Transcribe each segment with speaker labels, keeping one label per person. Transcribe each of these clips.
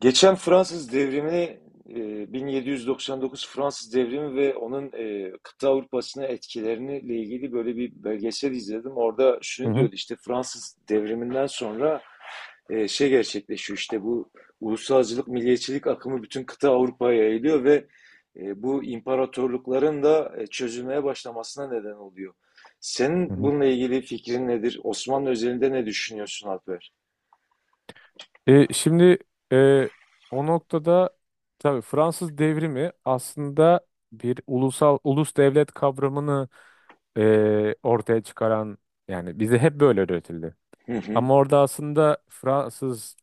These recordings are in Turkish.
Speaker 1: Geçen Fransız Devrimi, 1799 Fransız devrimi ve onun kıta Avrupa'sına etkilerini ilgili böyle bir belgesel izledim. Orada
Speaker 2: Hı
Speaker 1: şunu
Speaker 2: hı.
Speaker 1: diyordu işte Fransız devriminden sonra şey gerçekleşiyor işte bu ulusalcılık, milliyetçilik akımı bütün kıta Avrupa'ya yayılıyor ve bu imparatorlukların da çözülmeye başlamasına neden oluyor.
Speaker 2: hı
Speaker 1: Senin
Speaker 2: hı.
Speaker 1: bununla ilgili fikrin nedir? Osmanlı özelinde ne düşünüyorsun Alper?
Speaker 2: Şimdi e, o noktada tabii Fransız devrimi aslında bir ulus devlet kavramını ortaya çıkaran, yani bize hep böyle öğretildi.
Speaker 1: Hı hı,
Speaker 2: Ama orada aslında Fransız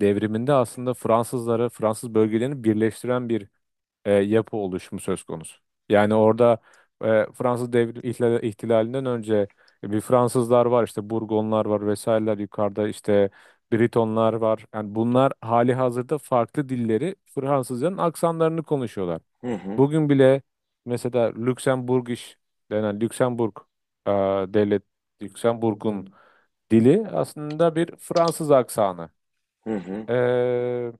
Speaker 2: devriminde aslında Fransızları, Fransız bölgelerini birleştiren bir yapı oluşumu söz konusu. Yani orada Fransız ihtilalinden önce bir Fransızlar var, işte Burgonlar var, vesaireler yukarıda, işte Britonlar var. Yani bunlar hali hazırda farklı dilleri, Fransızların aksanlarını konuşuyorlar.
Speaker 1: hı hı,
Speaker 2: Bugün bile mesela Lüksemburgiş denen Lüksemburg e, devlet Lüksemburg'un dili aslında bir Fransız aksanı.
Speaker 1: hı hı.
Speaker 2: E,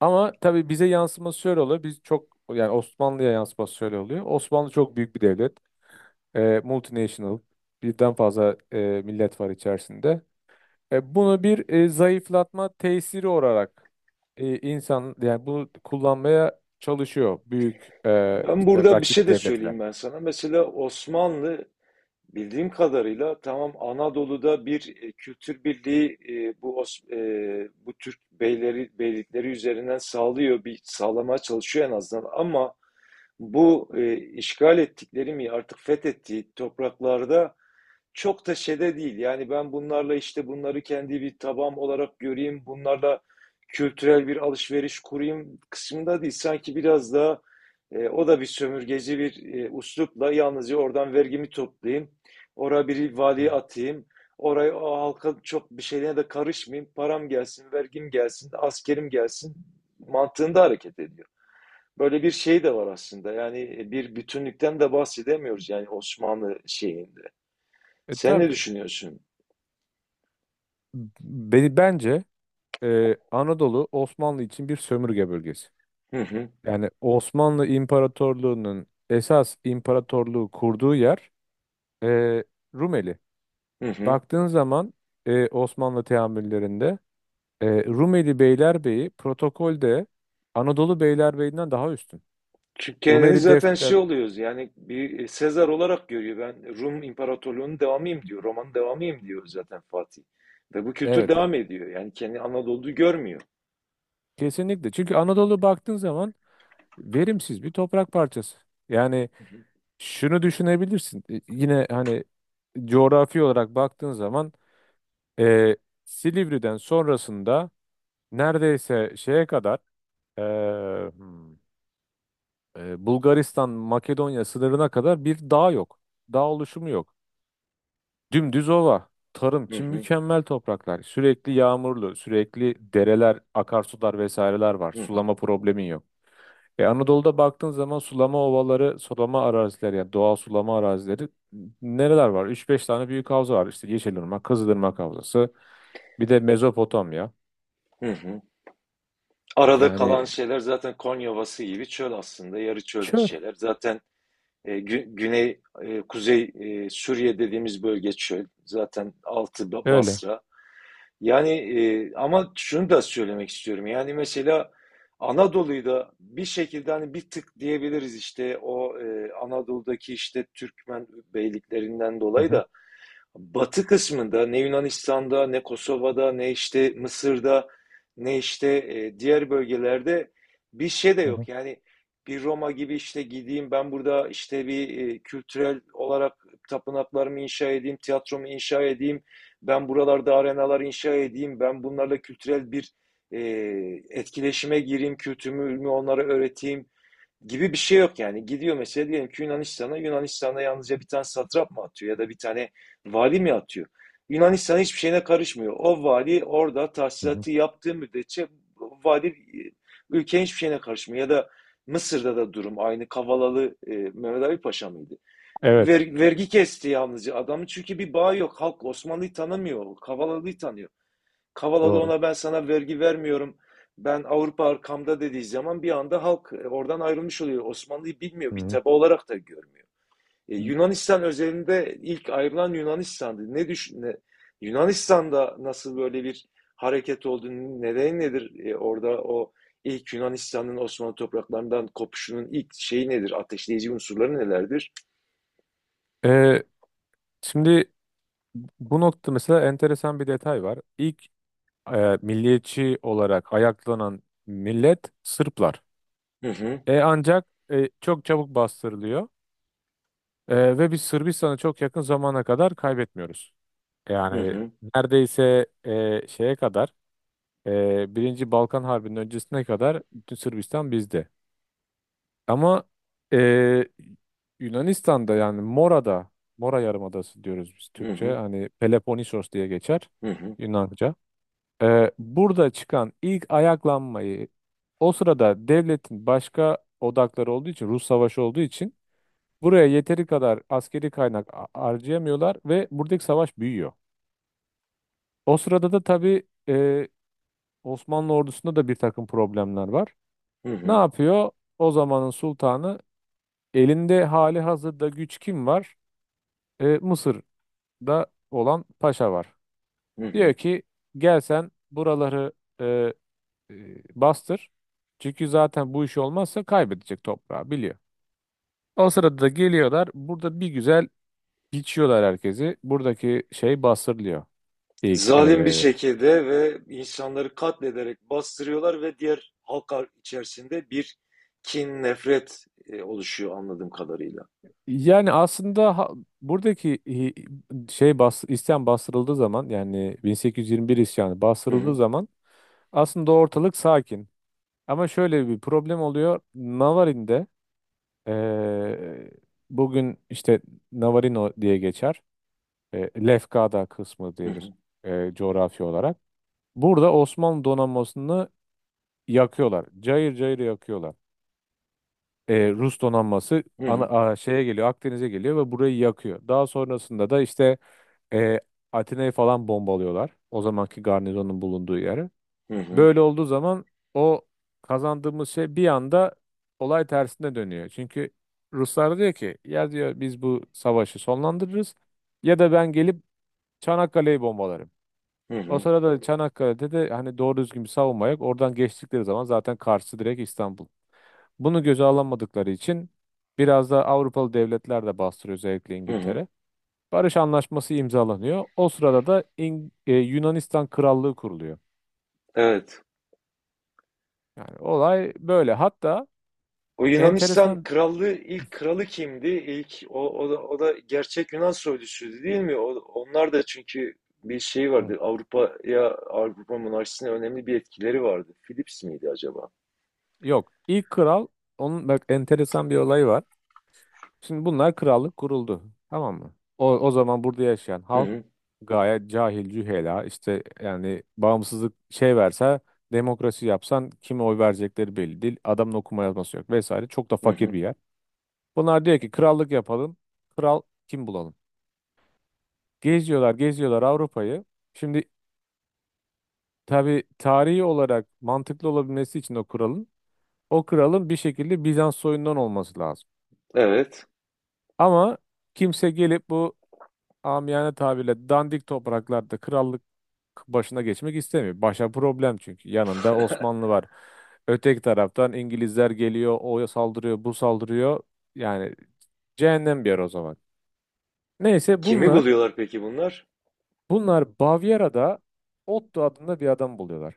Speaker 2: Ama tabii bize yansıması şöyle oluyor. Biz çok Yani Osmanlı'ya yansıması şöyle oluyor. Osmanlı çok büyük bir devlet. Multinational. Birden fazla millet var içerisinde. Bunu bir zayıflatma tesiri olarak insan, yani bunu kullanmaya çalışıyor büyük,
Speaker 1: Ben
Speaker 2: işte
Speaker 1: burada bir şey
Speaker 2: rakip
Speaker 1: de
Speaker 2: devletler.
Speaker 1: söyleyeyim ben sana. Mesela Osmanlı bildiğim kadarıyla tamam Anadolu'da bir kültür birliği bu Türk beyleri beylikleri üzerinden sağlıyor, bir sağlamaya çalışıyor en azından ama bu işgal ettikleri mi artık fethettiği topraklarda çok da şeyde değil. Yani ben bunlarla işte bunları kendi bir tabağım olarak göreyim, bunlarla kültürel bir alışveriş kurayım kısmında değil. Sanki biraz daha o da bir sömürgeci bir üslupla yalnızca oradan vergimi toplayayım. Oraya bir valiye atayım. Oraya o halka çok bir şeylere de karışmayayım. Param gelsin, vergim gelsin, askerim gelsin mantığında hareket ediyor. Böyle bir şey de var aslında. Yani bir bütünlükten de bahsedemiyoruz yani Osmanlı şeyinde. Sen ne
Speaker 2: Tabii.
Speaker 1: düşünüyorsun?
Speaker 2: B- Beni bence Anadolu Osmanlı için bir sömürge bölgesi.
Speaker 1: Hı hı,
Speaker 2: Yani Osmanlı İmparatorluğu'nun esas imparatorluğu kurduğu yer e, Rumeli.
Speaker 1: hı hı.
Speaker 2: Baktığın zaman Osmanlı teamüllerinde Rumeli Beylerbeyi protokolde Anadolu Beylerbeyi'nden daha üstün.
Speaker 1: Çünkü kendini
Speaker 2: Rumeli
Speaker 1: zaten
Speaker 2: defter
Speaker 1: şey oluyoruz yani bir Sezar olarak görüyor. Ben Rum İmparatorluğu'nun devamıyım diyor. Roma'nın devamıyım diyor zaten Fatih. Ve bu kültür
Speaker 2: evet
Speaker 1: devam ediyor. Yani kendi Anadolu'yu görmüyor.
Speaker 2: kesinlikle. Çünkü Anadolu baktığın zaman verimsiz bir toprak parçası. Yani
Speaker 1: Hı
Speaker 2: şunu düşünebilirsin. Yine hani coğrafi olarak baktığın zaman, Ee, Silivri'den sonrasında neredeyse şeye kadar, ee, hmm, Bulgaristan Makedonya sınırına kadar bir dağ yok. Dağ oluşumu yok. Dümdüz ova. Tarım için
Speaker 1: hı,
Speaker 2: mükemmel topraklar. Sürekli yağmurlu, sürekli dereler, akarsular, vesaireler var.
Speaker 1: hı hı,
Speaker 2: Sulama problemin yok. Anadolu'da baktığın zaman sulama ovaları, sulama arazileri, yani doğal sulama arazileri nereler var? Üç-beş tane büyük havza var. İşte Yeşilırmak, Kızılırmak Havzası, bir de Mezopotamya.
Speaker 1: hı hı. Arada kalan
Speaker 2: Yani,
Speaker 1: şeyler zaten Konya Ovası gibi çöl aslında. Yarı çöl
Speaker 2: şöyle.
Speaker 1: şeyler. Zaten güney, kuzey Suriye dediğimiz bölge çöl. Zaten altı
Speaker 2: Öyle.
Speaker 1: Basra. Yani ama şunu da söylemek istiyorum. Yani mesela Anadolu'yu da bir şekilde hani bir tık diyebiliriz işte o Anadolu'daki işte Türkmen beyliklerinden
Speaker 2: Hı
Speaker 1: dolayı
Speaker 2: hı,
Speaker 1: da batı kısmında ne Yunanistan'da ne Kosova'da ne işte Mısır'da ne işte diğer bölgelerde bir şey de
Speaker 2: hı hı,
Speaker 1: yok. Yani bir Roma gibi işte gideyim ben burada işte bir kültürel olarak tapınaklarımı inşa edeyim, tiyatromu inşa edeyim, ben buralarda arenalar inşa edeyim, ben bunlarla kültürel bir e, etkileşime gireyim, kültürümü onlara öğreteyim gibi bir şey yok yani. Gidiyor mesela diyelim ki Yunanistan'a, Yunanistan'a yalnızca bir tane satrap mı atıyor ya da bir tane vali mi atıyor? Yunanistan hiçbir şeyine karışmıyor. O vali orada
Speaker 2: hı hı.
Speaker 1: tahsilatı yaptığı müddetçe vali ülkenin hiçbir şeyine karışmıyor. Ya da Mısır'da da durum aynı. Kavalalı Mehmet Ali Paşa mıydı?
Speaker 2: Evet.
Speaker 1: Vergi kesti yalnızca adamın çünkü bir bağı yok. Halk Osmanlı'yı tanımıyor. Kavalalı'yı tanıyor. Kavalalı
Speaker 2: Doğru.
Speaker 1: ona ben sana vergi vermiyorum. Ben Avrupa arkamda dediği zaman bir anda halk oradan ayrılmış oluyor. Osmanlı'yı bilmiyor,
Speaker 2: Hı
Speaker 1: bir
Speaker 2: hı.
Speaker 1: taba olarak da görmüyor. Yunanistan özelinde ilk ayrılan Yunanistan'dı. Yunanistan'da nasıl böyle bir hareket olduğunu nedeni nedir? Orada o ilk Yunanistan'ın Osmanlı topraklarından kopuşunun ilk şeyi nedir? Ateşleyici unsurları nelerdir?
Speaker 2: Ee, Şimdi bu nokta mesela enteresan bir detay var. İlk milliyetçi olarak ayaklanan millet Sırplar.
Speaker 1: Hı hı,
Speaker 2: Ancak çok çabuk bastırılıyor. Ve biz Sırbistan'ı çok yakın zamana kadar kaybetmiyoruz.
Speaker 1: hı
Speaker 2: Yani
Speaker 1: hı,
Speaker 2: neredeyse şeye kadar, Birinci Balkan Harbi'nin öncesine kadar bütün Sırbistan bizde. Ama e, Yunanistan'da, yani Mora'da, Mora Yarımadası diyoruz biz
Speaker 1: hı
Speaker 2: Türkçe.
Speaker 1: hı,
Speaker 2: Hani Peloponnesos diye geçer
Speaker 1: hı hı,
Speaker 2: Yunanca. Burada çıkan ilk ayaklanmayı, o sırada devletin başka odakları olduğu için, Rus savaşı olduğu için, buraya yeteri kadar askeri kaynak harcayamıyorlar ve buradaki savaş büyüyor. O sırada da tabii e, Osmanlı ordusunda da bir takım problemler var.
Speaker 1: hı
Speaker 2: Ne
Speaker 1: hı,
Speaker 2: yapıyor? O zamanın sultanı, elinde hali hazırda güç kim var? Mısır'da olan paşa var.
Speaker 1: hı hı.
Speaker 2: Diyor ki gel sen buraları e, e, bastır. Çünkü zaten bu iş olmazsa kaybedecek toprağı biliyor. O sırada da geliyorlar. Burada bir güzel biçiyorlar herkesi. Buradaki şey bastırılıyor. İlk,
Speaker 1: Zalim bir
Speaker 2: e,
Speaker 1: şekilde ve insanları katlederek bastırıyorlar ve diğer halklar içerisinde bir kin, nefret oluşuyor anladığım kadarıyla.
Speaker 2: Yani aslında buradaki isyan bastırıldığı zaman, yani 1821 isyanı
Speaker 1: Hı
Speaker 2: bastırıldığı
Speaker 1: hı,
Speaker 2: zaman aslında ortalık sakin. Ama şöyle bir problem oluyor. Navarin'de, eee, bugün işte Navarino diye geçer. Lefkada kısmı
Speaker 1: hı
Speaker 2: diyedir,
Speaker 1: hı,
Speaker 2: coğrafi olarak. Burada Osmanlı donanmasını yakıyorlar. Cayır cayır yakıyorlar. Rus donanması
Speaker 1: hı hı,
Speaker 2: şeye geliyor, Akdeniz'e geliyor ve burayı yakıyor. Daha sonrasında da işte eee Atina'yı falan bombalıyorlar. O zamanki garnizonun bulunduğu yeri.
Speaker 1: hı hı,
Speaker 2: Böyle olduğu zaman o kazandığımız şey bir anda olay tersine dönüyor. Çünkü Ruslar diyor ki ya diyor biz bu savaşı sonlandırırız, ya da ben gelip Çanakkale'yi bombalarım.
Speaker 1: hı
Speaker 2: O
Speaker 1: hı,
Speaker 2: sırada Çanakkale'de de hani doğru düzgün bir savunma yok. Oradan geçtikleri zaman zaten karşısı direkt İstanbul. Bunu göze alamadıkları için biraz da Avrupalı devletler de bastırıyor, özellikle
Speaker 1: hı hı.
Speaker 2: İngiltere. Barış anlaşması imzalanıyor. O sırada da Yunanistan Krallığı kuruluyor.
Speaker 1: Evet.
Speaker 2: Yani olay böyle. Hatta
Speaker 1: O Yunanistan
Speaker 2: enteresan.
Speaker 1: krallığı ilk kralı kimdi? İlk o da, gerçek Yunan soyluydu değil mi? O, onlar da çünkü bir şey
Speaker 2: Hı.
Speaker 1: vardı. Avrupa'ya Avrupa monarşisine önemli bir etkileri vardı. Philips miydi acaba?
Speaker 2: Yok. İlk kral, onun bak enteresan bir olayı var. Şimdi bunlar krallık kuruldu. Tamam mı? O zaman burada yaşayan
Speaker 1: Hı
Speaker 2: halk
Speaker 1: hı,
Speaker 2: gayet cahil, cühela, işte yani bağımsızlık şey verse, demokrasi yapsan kime oy verecekleri belli değil. Adamın okuma yazması yok vesaire. Çok da
Speaker 1: hı
Speaker 2: fakir
Speaker 1: hı.
Speaker 2: bir yer. Bunlar diyor ki krallık yapalım. Kral kim bulalım? Geziyorlar, geziyorlar Avrupa'yı. Şimdi tabii tarihi olarak mantıklı olabilmesi için o kralın bir şekilde Bizans soyundan olması lazım.
Speaker 1: Evet.
Speaker 2: Ama kimse gelip bu amiyane tabirle dandik topraklarda krallık başına geçmek istemiyor. Başa problem çünkü. Yanında Osmanlı var. Öteki taraftan İngilizler geliyor. O saldırıyor, bu saldırıyor. Yani cehennem bir yer o zaman. Neyse
Speaker 1: Kimi
Speaker 2: bunlar
Speaker 1: buluyorlar peki bunlar?
Speaker 2: bunlar Bavyera'da Otto adında bir adam buluyorlar.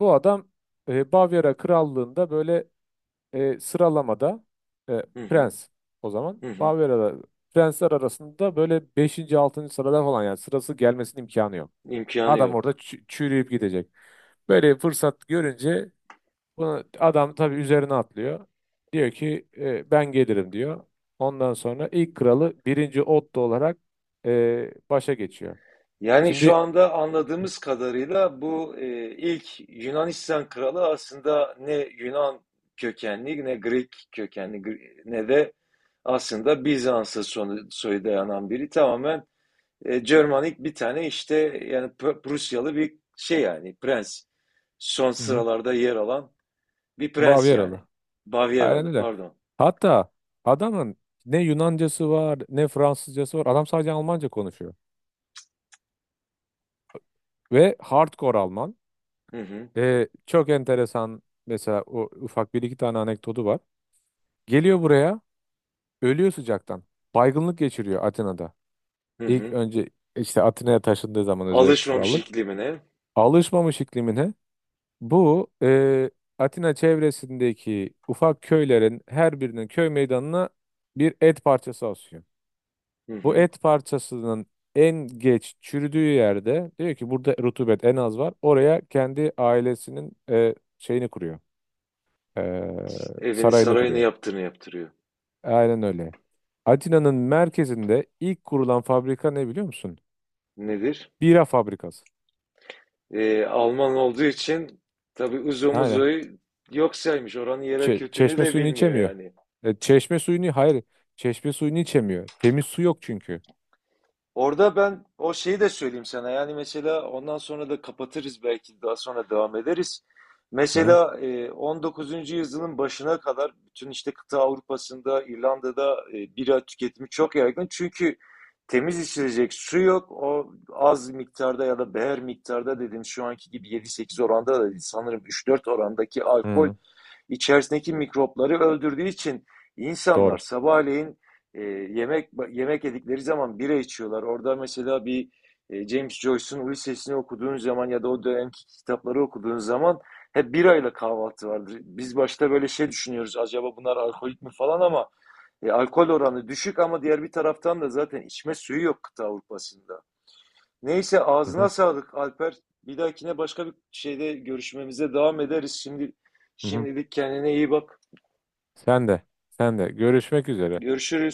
Speaker 2: Bu adam Bavyera krallığında böyle sıralamada e,
Speaker 1: Hı hı,
Speaker 2: prens, o zaman
Speaker 1: hı hı.
Speaker 2: Barbera'da prensler arasında böyle beşinci 6. sırada falan, yani sırası gelmesinin imkanı yok.
Speaker 1: İmkanı
Speaker 2: Adam orada
Speaker 1: yok.
Speaker 2: çürüyüp gidecek. Böyle bir fırsat görünce bunu, adam tabii üzerine atlıyor. Diyor ki ben gelirim diyor. Ondan sonra ilk kralı birinci Otto olarak başa geçiyor.
Speaker 1: Yani şu
Speaker 2: Şimdi.
Speaker 1: anda anladığımız kadarıyla bu ilk Yunanistan kralı aslında ne Yunan kökenli ne Grek kökenli ne de aslında Bizans'a soyu dayanan biri, tamamen Germanik bir tane işte yani Prusyalı bir şey yani prens. Son
Speaker 2: Hı hı.
Speaker 1: sıralarda yer alan bir prens
Speaker 2: Bavyeralı.
Speaker 1: yani.
Speaker 2: Aynen
Speaker 1: Bavyeralı
Speaker 2: öyle.
Speaker 1: pardon.
Speaker 2: Hatta adamın ne Yunancası var, ne Fransızcası var. Adam sadece Almanca konuşuyor. Ve hardcore Alman.
Speaker 1: Hı hı,
Speaker 2: Çok enteresan mesela, o ufak bir iki tane anekdotu var. Geliyor buraya, ölüyor sıcaktan. Baygınlık geçiriyor Atina'da.
Speaker 1: hı
Speaker 2: İlk
Speaker 1: hı.
Speaker 2: önce işte Atina'ya taşındığı zaman, özellikle
Speaker 1: Alışmamış
Speaker 2: krallık.
Speaker 1: iklimine.
Speaker 2: Alışmamış iklimine. Bu Atina çevresindeki ufak köylerin her birinin köy meydanına bir et parçası asıyor.
Speaker 1: Hı
Speaker 2: Bu
Speaker 1: hı.
Speaker 2: et parçasının en geç çürüdüğü yerde diyor ki burada rutubet en az var. Oraya kendi ailesinin şeyini kuruyor. E,
Speaker 1: Evini
Speaker 2: Sarayını
Speaker 1: sarayını
Speaker 2: kuruyor.
Speaker 1: yaptığını yaptırıyor.
Speaker 2: Aynen öyle. Atina'nın merkezinde ilk kurulan fabrika ne biliyor musun?
Speaker 1: Nedir?
Speaker 2: Bira fabrikası.
Speaker 1: Alman olduğu için tabii uzun
Speaker 2: Aynen.
Speaker 1: uzoyu yok saymış. Oranın yerel kültürünü
Speaker 2: Çeşme
Speaker 1: de
Speaker 2: suyunu
Speaker 1: bilmiyor
Speaker 2: içemiyor.
Speaker 1: yani.
Speaker 2: Çeşme suyunu hayır. Çeşme suyunu içemiyor. Temiz su yok çünkü.
Speaker 1: Orada ben o şeyi de söyleyeyim sana. Yani mesela ondan sonra da kapatırız belki daha sonra devam ederiz.
Speaker 2: Hı hı.
Speaker 1: Mesela 19. yüzyılın başına kadar bütün işte kıta Avrupa'sında, İrlanda'da bira tüketimi çok yaygın. Çünkü temiz içilecek su yok. O az miktarda ya da beher miktarda dedim şu anki gibi 7-8 oranda da değil. Sanırım 3-4 orandaki
Speaker 2: Hı
Speaker 1: alkol
Speaker 2: hı.
Speaker 1: içerisindeki mikropları öldürdüğü için insanlar
Speaker 2: Doğru.
Speaker 1: sabahleyin yemek yedikleri zaman bira içiyorlar. Orada mesela bir James Joyce'un Ulysses'ini okuduğun zaman ya da o dönemki kitapları okuduğun zaman hep birayla kahvaltı vardır. Biz başta böyle şey düşünüyoruz acaba bunlar alkolik mi falan ama alkol oranı düşük ama diğer bir taraftan da zaten içme suyu yok kıta Avrupa'sında. Neyse
Speaker 2: Hı
Speaker 1: ağzına
Speaker 2: hı.
Speaker 1: sağlık Alper. Bir dahakine başka bir şeyde görüşmemize devam ederiz. Şimdi
Speaker 2: Hı hı.
Speaker 1: şimdilik kendine iyi bak.
Speaker 2: Sen de. Sen de. Görüşmek üzere.
Speaker 1: Görüşürüz.